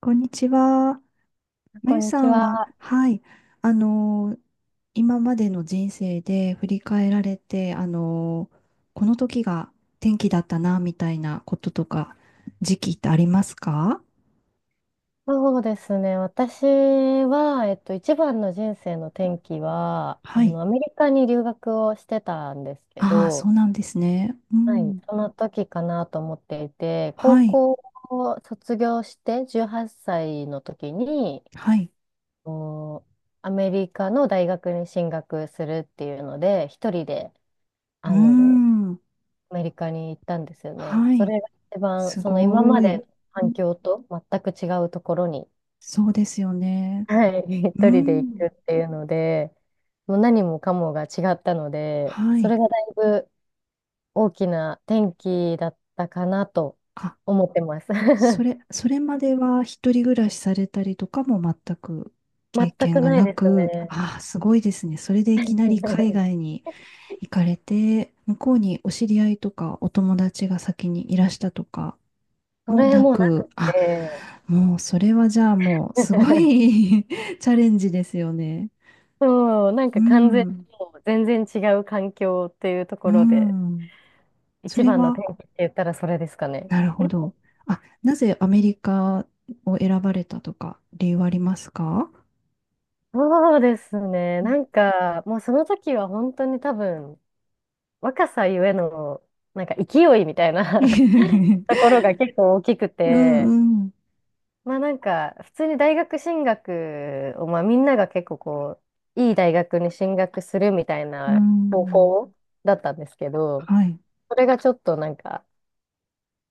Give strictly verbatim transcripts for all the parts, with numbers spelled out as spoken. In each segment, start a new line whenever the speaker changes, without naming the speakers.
こんにちは。ま
こ
ゆ
んに
さ
ち
んは、
は。
はい、あのー今までの人生で振り返られて、あのーこの時が転機だったな、みたいなこととか、時期ってありますか？
そうですね。私は、えっと、一番の人生の転機は、あ
はい。
の、アメリカに留学をしてたんですけ
ああ、そ
ど、
うなんですね。う
はい、
ん。
その時かなと思っていて、高
はい。
校を卒業してじゅうはっさいの時に、
はい。
おアメリカの大学に進学するっていうので、一人で、
うー
あの、
ん。
アメリカに行ったんですよね。
は
そ
い。
れが一番、
す
その今ま
ご
での
い。う
環
ん、
境と全く違うところに、
そうですよね。
はい、一
う
人で行
ん。
くっていうので、もう何もかもが違ったので、
は
そ
い。
れがだいぶ大きな転機だったかなと
あ、
思ってます。
そ れ、それまでは一人暮らしされたりとかも全く経
全
験
く
が
ない
な
です
く、
ね。
ああ、すごいですね。それでいきなり海外 に行かれて、向こうにお知り合いとかお友達が先にいらしたとか
そ
も
れ
な
もなく
く、あ、
て、
もうそれはじゃあもうすご い チャレンジですよね。
そう、なん
う
か完全に
ん、
もう全然違う環境っていうと
う
ころで、
ん。そ
一
れ
番の転
は、
機って言ったらそれですかね。
なるほど。あ、なぜアメリカを選ばれたとか理由はありますか？
そうですね。なんか、もうその時は本当に多分、若さゆえの、なんか勢いみたい
う
な
ん
ところが結構大きくて、
うん。
まあなんか、普通に大学進学を、まあみんなが結構こう、いい大学に進学するみたい
う
な方
ん。
向だったんですけど、
はい。
それがちょっとなんか、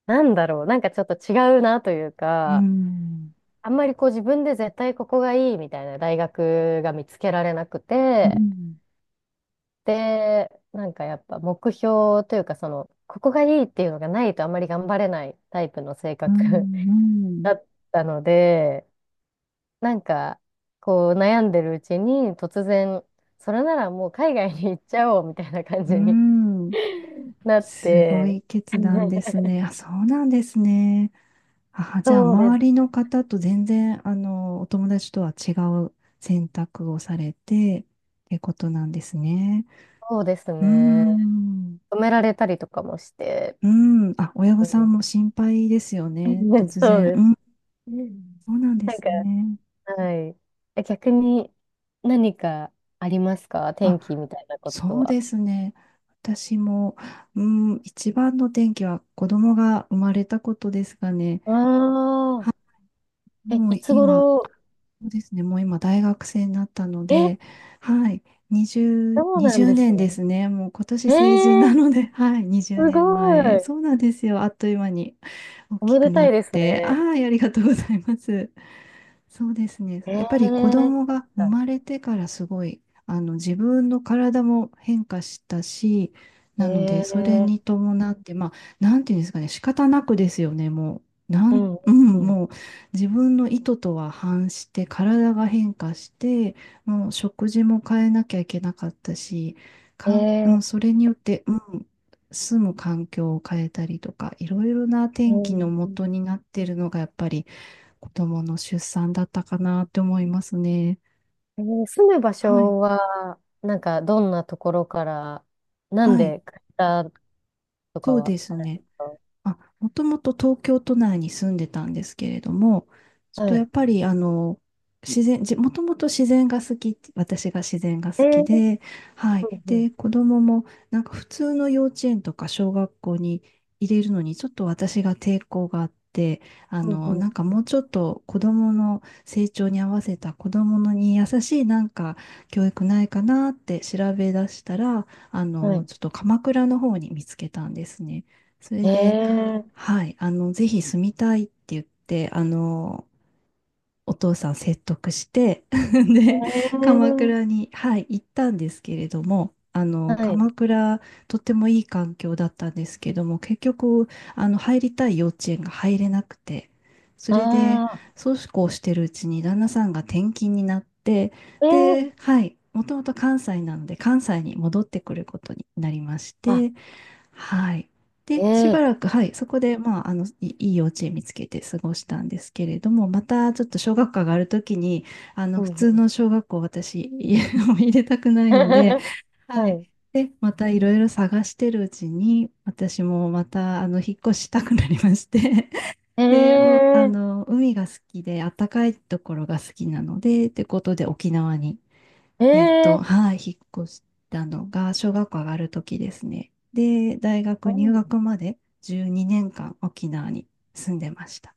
なんだろう、なんかちょっと違うなという
う
か、
ん。
あんまりこう自分で絶対ここがいいみたいな大学が見つけられなく
う
て、
ん。
で、なんかやっぱ目標というか、その、ここがいいっていうのがないとあんまり頑張れないタイプの性
う
格
ん。う ん。
だったので、なんか、こう悩んでるうちに突然、それならもう海外に行っちゃおうみたいな感
う
じに
ん、
なっ
すご
て、
い決断です ね。あ、そうなんですね。あ、じゃあ、
そうで
周り
す、
の方と全然、あの、お友達とは違う選択をされて、ってことなんですね。
そうです
う
ね。
ん。
止められたりとかもして、
うん。あ、親御
う
さん
ん、
も心配ですよね。突
そう
然。
です。
うん。
うん、
そうなんで
なん
す
か、
ね。
はい。え、逆に何かありますか、
あ、
天気みたいなこと
そう
は？
ですね。私も、うん、一番の転機は子供が生まれたことですかね。
ああ、
はい、
え、
もう
いつ
今、
頃。
そうですね。もう今大学生になったの
え、
で、はい、にじゅう、
そうなん
20
です
年で
ね。
すね。もう今年
え
成人な
ー、
ので、はい、20
す
年
ご
前。
い。
そうなんですよ。あっという間に大
お
き
め
く
でた
なっ
いです
て。あ
ね。
あ、ありがとうございます。そうですね。
え
や
ー、
っぱり子
そっ
供が生
か。
まれてからすごい、あの、自分の体も変化したし、
え
なので、それに
ー、
伴って、まあ、なんていうんですかね、仕方なくですよね、もう。な
う
ん、
ん、
う
う
ん、
ん。
も自分の意図とは反して体が変化して、もう食事も変えなきゃいけなかったし、
え
かん、うん、
ー、
それによって、うん、住む環境を変えたりとか、いろいろな
え
天気の
ー
元になってるのがやっぱり子供の出産だったかなって思いますね。
えー住む場
はい。
所は、なんか、どんなところから、なん
はい。
で買ったとか
そう
は
です
あるんで
ね。
すか？
あ、もともと東京都内に住んでたんですけれども、ちょっと
は
やっ
い。
ぱりあの、自然、じ、もともと自然が好き、私が自然が
え
好き
ー、
で、はい。
うん、
で、子供もなんか普通の幼稚園とか小学校に入れるのにちょっと私が抵抗があって、あ
うん、う
の、
ん、うん。
なんか
うん、
もうちょっと子供の成長に合わせた子供のに優しいなんか教育ないかなって調べ出したら、あ
は
の、
い。
ちょっと鎌倉の方に見つけたんですね。それで、
ええ、
はい、あの、ぜひ住みたいって言って、あの、お父さん説得して で、鎌
ええ、
倉に、はい、行ったんですけれども、あ
は
の、
い。
鎌倉、とってもいい環境だったんですけども、結局、あの、入りたい幼稚園が入れなくて、そ
あ
れで、
あ、
そうこうしてるうちに旦那さんが転勤になって、
え
で、
え、
はい、もともと関西なので、関西に戻ってくることになりまし
あ、
て、はい。
え
で、しばら
え、
く、はい、そこで、まあ、あの、いいい幼稚園見つけて過ごしたんですけれども、またちょっと小学科があるときに、あの、
うん、
普通
うん。
の小学校、私、家を 入れたくないので、は
は
い。
い。
で、またいろいろ探してるうちに、私もまた、あの、引っ越したくなりまして、
え
で、もう、あ
え、
の、海が好きで、暖かいところが好きなので、ってことで沖縄にえっと、
ええ、
はい、引っ越したのが小学校上がる時ですね。で、大
う
学入
ん、
学までじゅうにねんかん沖縄に住んでました。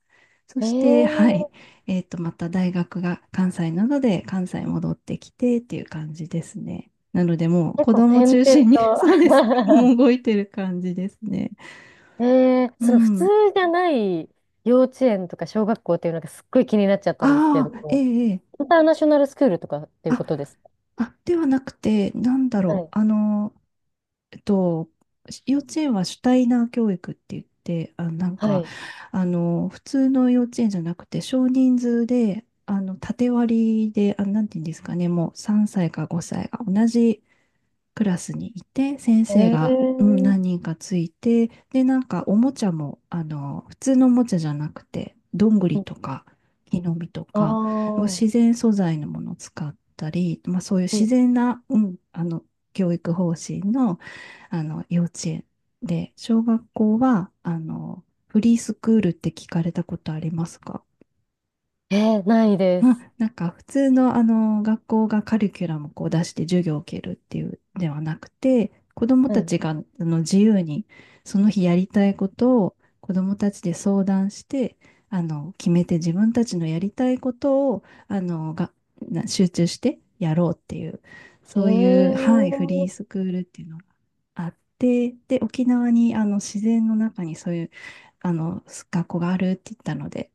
そして、はい、
ええ、
えっと、また大学が関西なので、関西戻ってきてっていう感じですね。なので、もう
結
子
構
供
点
中
々
心に
と。
そうですね、もう動いてる感じですね。
ええ、
う
その普通
ん。
じゃない幼稚園とか小学校っていうのがすっごい気になっちゃったんですけ
あ
れど
あ、え
も、
え、ええ
インターナショナルスクールとかっていうこ
あ、
とですか？
あ、ではなくて、なんだ
は
ろう、
い。
あの、えっと、幼稚園は主体な教育って言って、あ、なん
は
か、
い。
あの、普通の幼稚園じゃなくて、少人数で、あの、縦割りで、あ、なんていうんですかね、もうさんさいかごさいが同じクラスにいて、先生が、うん、
ええ、
何人かついて、で、なんかおもちゃも、あの、普通のおもちゃじゃなくて、どんぐり
うん、
とか、木の実と
あ
か、
あー、
自然素材のものを使ったり、まあ、そういう
う
自
ん、
然な、うん、あの、教育方針の、あの、幼稚園で、小学校は、あの、フリースクールって聞かれたことありますか？
ええ、ないです。
あ、なんか普通のあの学校がカリキュラムをこう出して授業を受けるっていうではなくて、子ども
は
た
い。
ちがあの自由にその日やりたいことを子どもたちで相談して、あの決めて自分たちのやりたいことをあのがな集中してやろうっていう、そういう、はい、フ
ええ、
リースクールっていうのがあって、で、沖縄にあの自然の中にそういうあの学校があるって言ったので、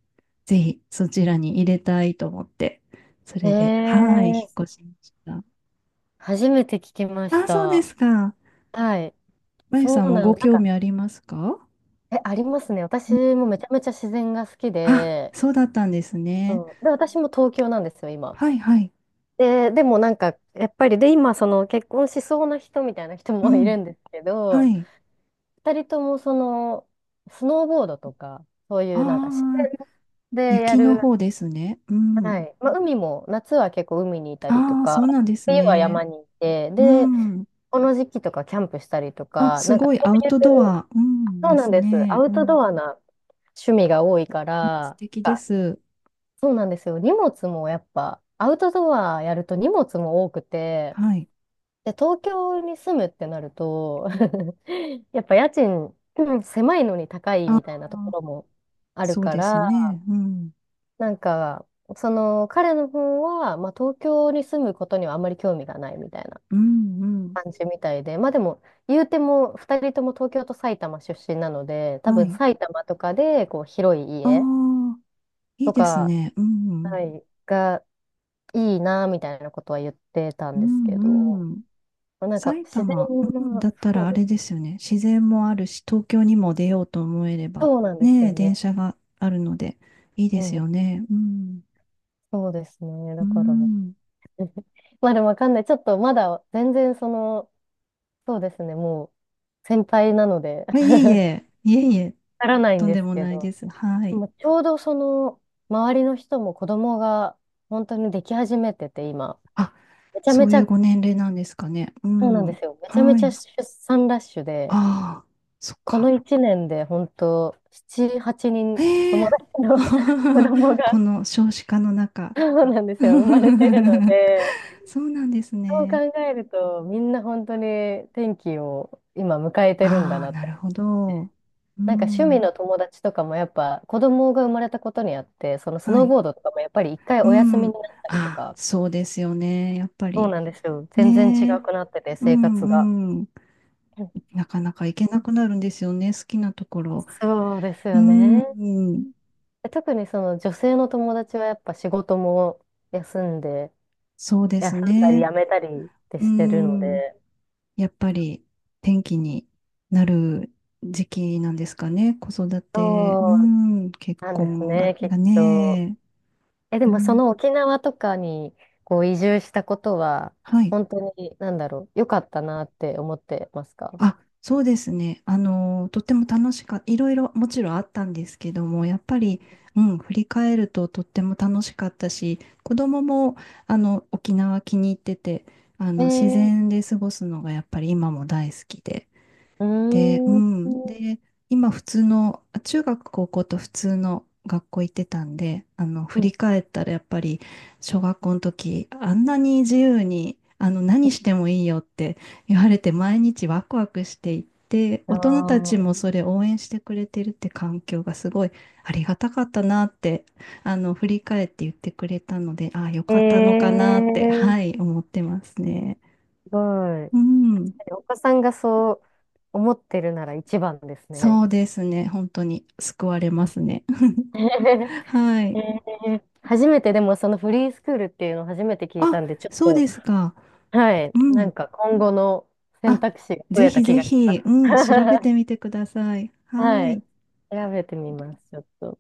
ぜひそちらに入れたいと思って、それで、はい、引
え
っ
え、
越しました。
初めて聞きまし
あ、そうで
た。
すか。
はい。
まゆ
そ
さん
う
も
なん
ご
だ。なん
興
か、
味ありますか？
え、ありますね。私もめちゃめちゃ自然が好き
あ、
で、
そうだったんです
う
ね。
ん。で、私も東京なんですよ、今。
はいはい。
で、でもなんか、やっぱり、で、今、その結婚しそうな人みたいな人
う
もい
ん。
るんですけ
は
ど、
い。
二人とも、その、スノーボードとか、そういうなんか自
ああ、
然でや
雪の
る、
方ですね。うん。
はい。まあ、海も、夏は結構海にいたりと
ああ、
か、
そうなんです
冬は山
ね。
にいて、
う
で、
ん。
この時期とかキャンプしたりと
あ、
か、
す
なんか
ごい
そ
アウ
うい
トド
う、
ア。うん。
そう
で
なん
す
です。ア
ね。
ウ
う
ト
ん。
ドアな趣味が多いか
素
ら、
敵で
あ
す。
そうなんですよ。荷物もやっぱ、アウトドアやると荷物も多くて、
はい。
で、東京に住むってなると やっぱ家賃、うん、狭いのに高い
あ
みたいなとこ
あ、
ろもある
そう
か
です
ら、
ね。うん。
なんか、その彼の方は、まあ、東京に住むことにはあまり興味がないみたいな
うんうん。
感じみたいで、まあでも、言うてもふたりとも東京と埼玉出身なので、多
は
分
い。
埼玉とかでこう広い
あ
家
あ。いい
と
です
か、
ね。うん、
はい、がいいなみたいなことは言ってた
う
んです
ん、
け
うん
ど、
うん。
まあなんか
埼
自
玉、
然
うん、埼玉、うんだ
が、
った
そ
ら
う
あ
で
れ
す。
ですよね。自然もあるし、東京にも出ようと思えれば、
そうなんです
ね
よ
え、
ね。
電車があるので、いい
う
です
ん、
よね。うん、
そうですね。
う
だから、ま
ん。
あでもわかんない。ちょっとまだ全然その、そうですね、もう先輩なので、
あ、いえい え、いえいえ、
わからないん
とん
で
で
す
も
け
ない
ど、
です。は
で
い。
もちょうどその周りの人も子供が本当にでき始めてて今、
あ、
めちゃ
そ
め
う
ち
いう
ゃ、
ご年齢なんですかね。う
そうなんで
ん、
すよ、めちゃめ
は
ちゃ
い。
出産ラッシュで、
ああ、そっ
こ
か。
のいちねんで本当なな、はちにん、
え
友
え
達の 子供
こ
が、
の少子化の中。
そうなんですよ、生まれてるの で、
そうなんです
そう考
ね。
えるとみんな本当に天気を今迎えてるんだ
ああ、
なっ
な
て。
るほど。う
なんか趣味
ん。
の友達とかもやっぱ子供が生まれたことにあって、そのス
は
ノー
い。
ボードとかもやっぱり一回
う
お休みに
ん。
なったりと
ああ、
か、
そうですよね。やっぱ
そう
り。
なんですよ。全然違
ねえ。
くなってて、
う
生活が。
んうん。
うん、
なかなか行けなくなるんですよね。好きなところ。
そうです
う
よね。う
ん。
ん、特にその女性の友達はやっぱ仕事も休んで、
そうで
休
す
んだり
ね。
辞めたりって
う
してるので、
ん。やっぱり天気になる時期なんですかね。子育て。う
そう
ん。結
なんです
婚が、
ね、きっ
が
と。
ね。
え、で
う
もそ
ん。
の沖縄とかにこう移住したことは、
はい。
本当に、なんだろう、良かったなって思ってますか？
あ、そうですね。あの、とっても楽しかった。いろいろもちろんあったんですけども、やっぱり、うん、振り返るととっても楽しかったし、子供も、あの、沖縄気に入ってて、あ
え
の、自
ー、
然で過ごすのがやっぱり今も大好きで、
うー
で、う
ん、う
ん。で、今普通の、あ、中学高校と普通の学校行ってたんで、あの、振
ん、
り返ったらやっぱり小学校の時、あんなに自由に、あの、何してもいいよって言われて毎日ワクワクしていて、大人たち
あ
もそれ応援してくれてるって環境がすごいありがたかったなって、あの、振り返って言ってくれたので、ああ、よ
ー、
かったのか
え
なって、
ー、
はい、思ってますね。
すごい。
うん。
確かにお子さんがそう思ってるなら一番ですね。
そうですね。本当に救われますね。
え
はい。
ー初めてでもそのフリースクールっていうのを初めて聞いた
あ、
んで、ちょっ
そう
と、
ですか。
はい、
う
な
ん。
んか今後の選
あ、
択肢が増
ぜ
えた
ひ
気
ぜ
がします。
ひ、うん、調べて みてください。は
は
い。
い。調べてみます、ちょっと。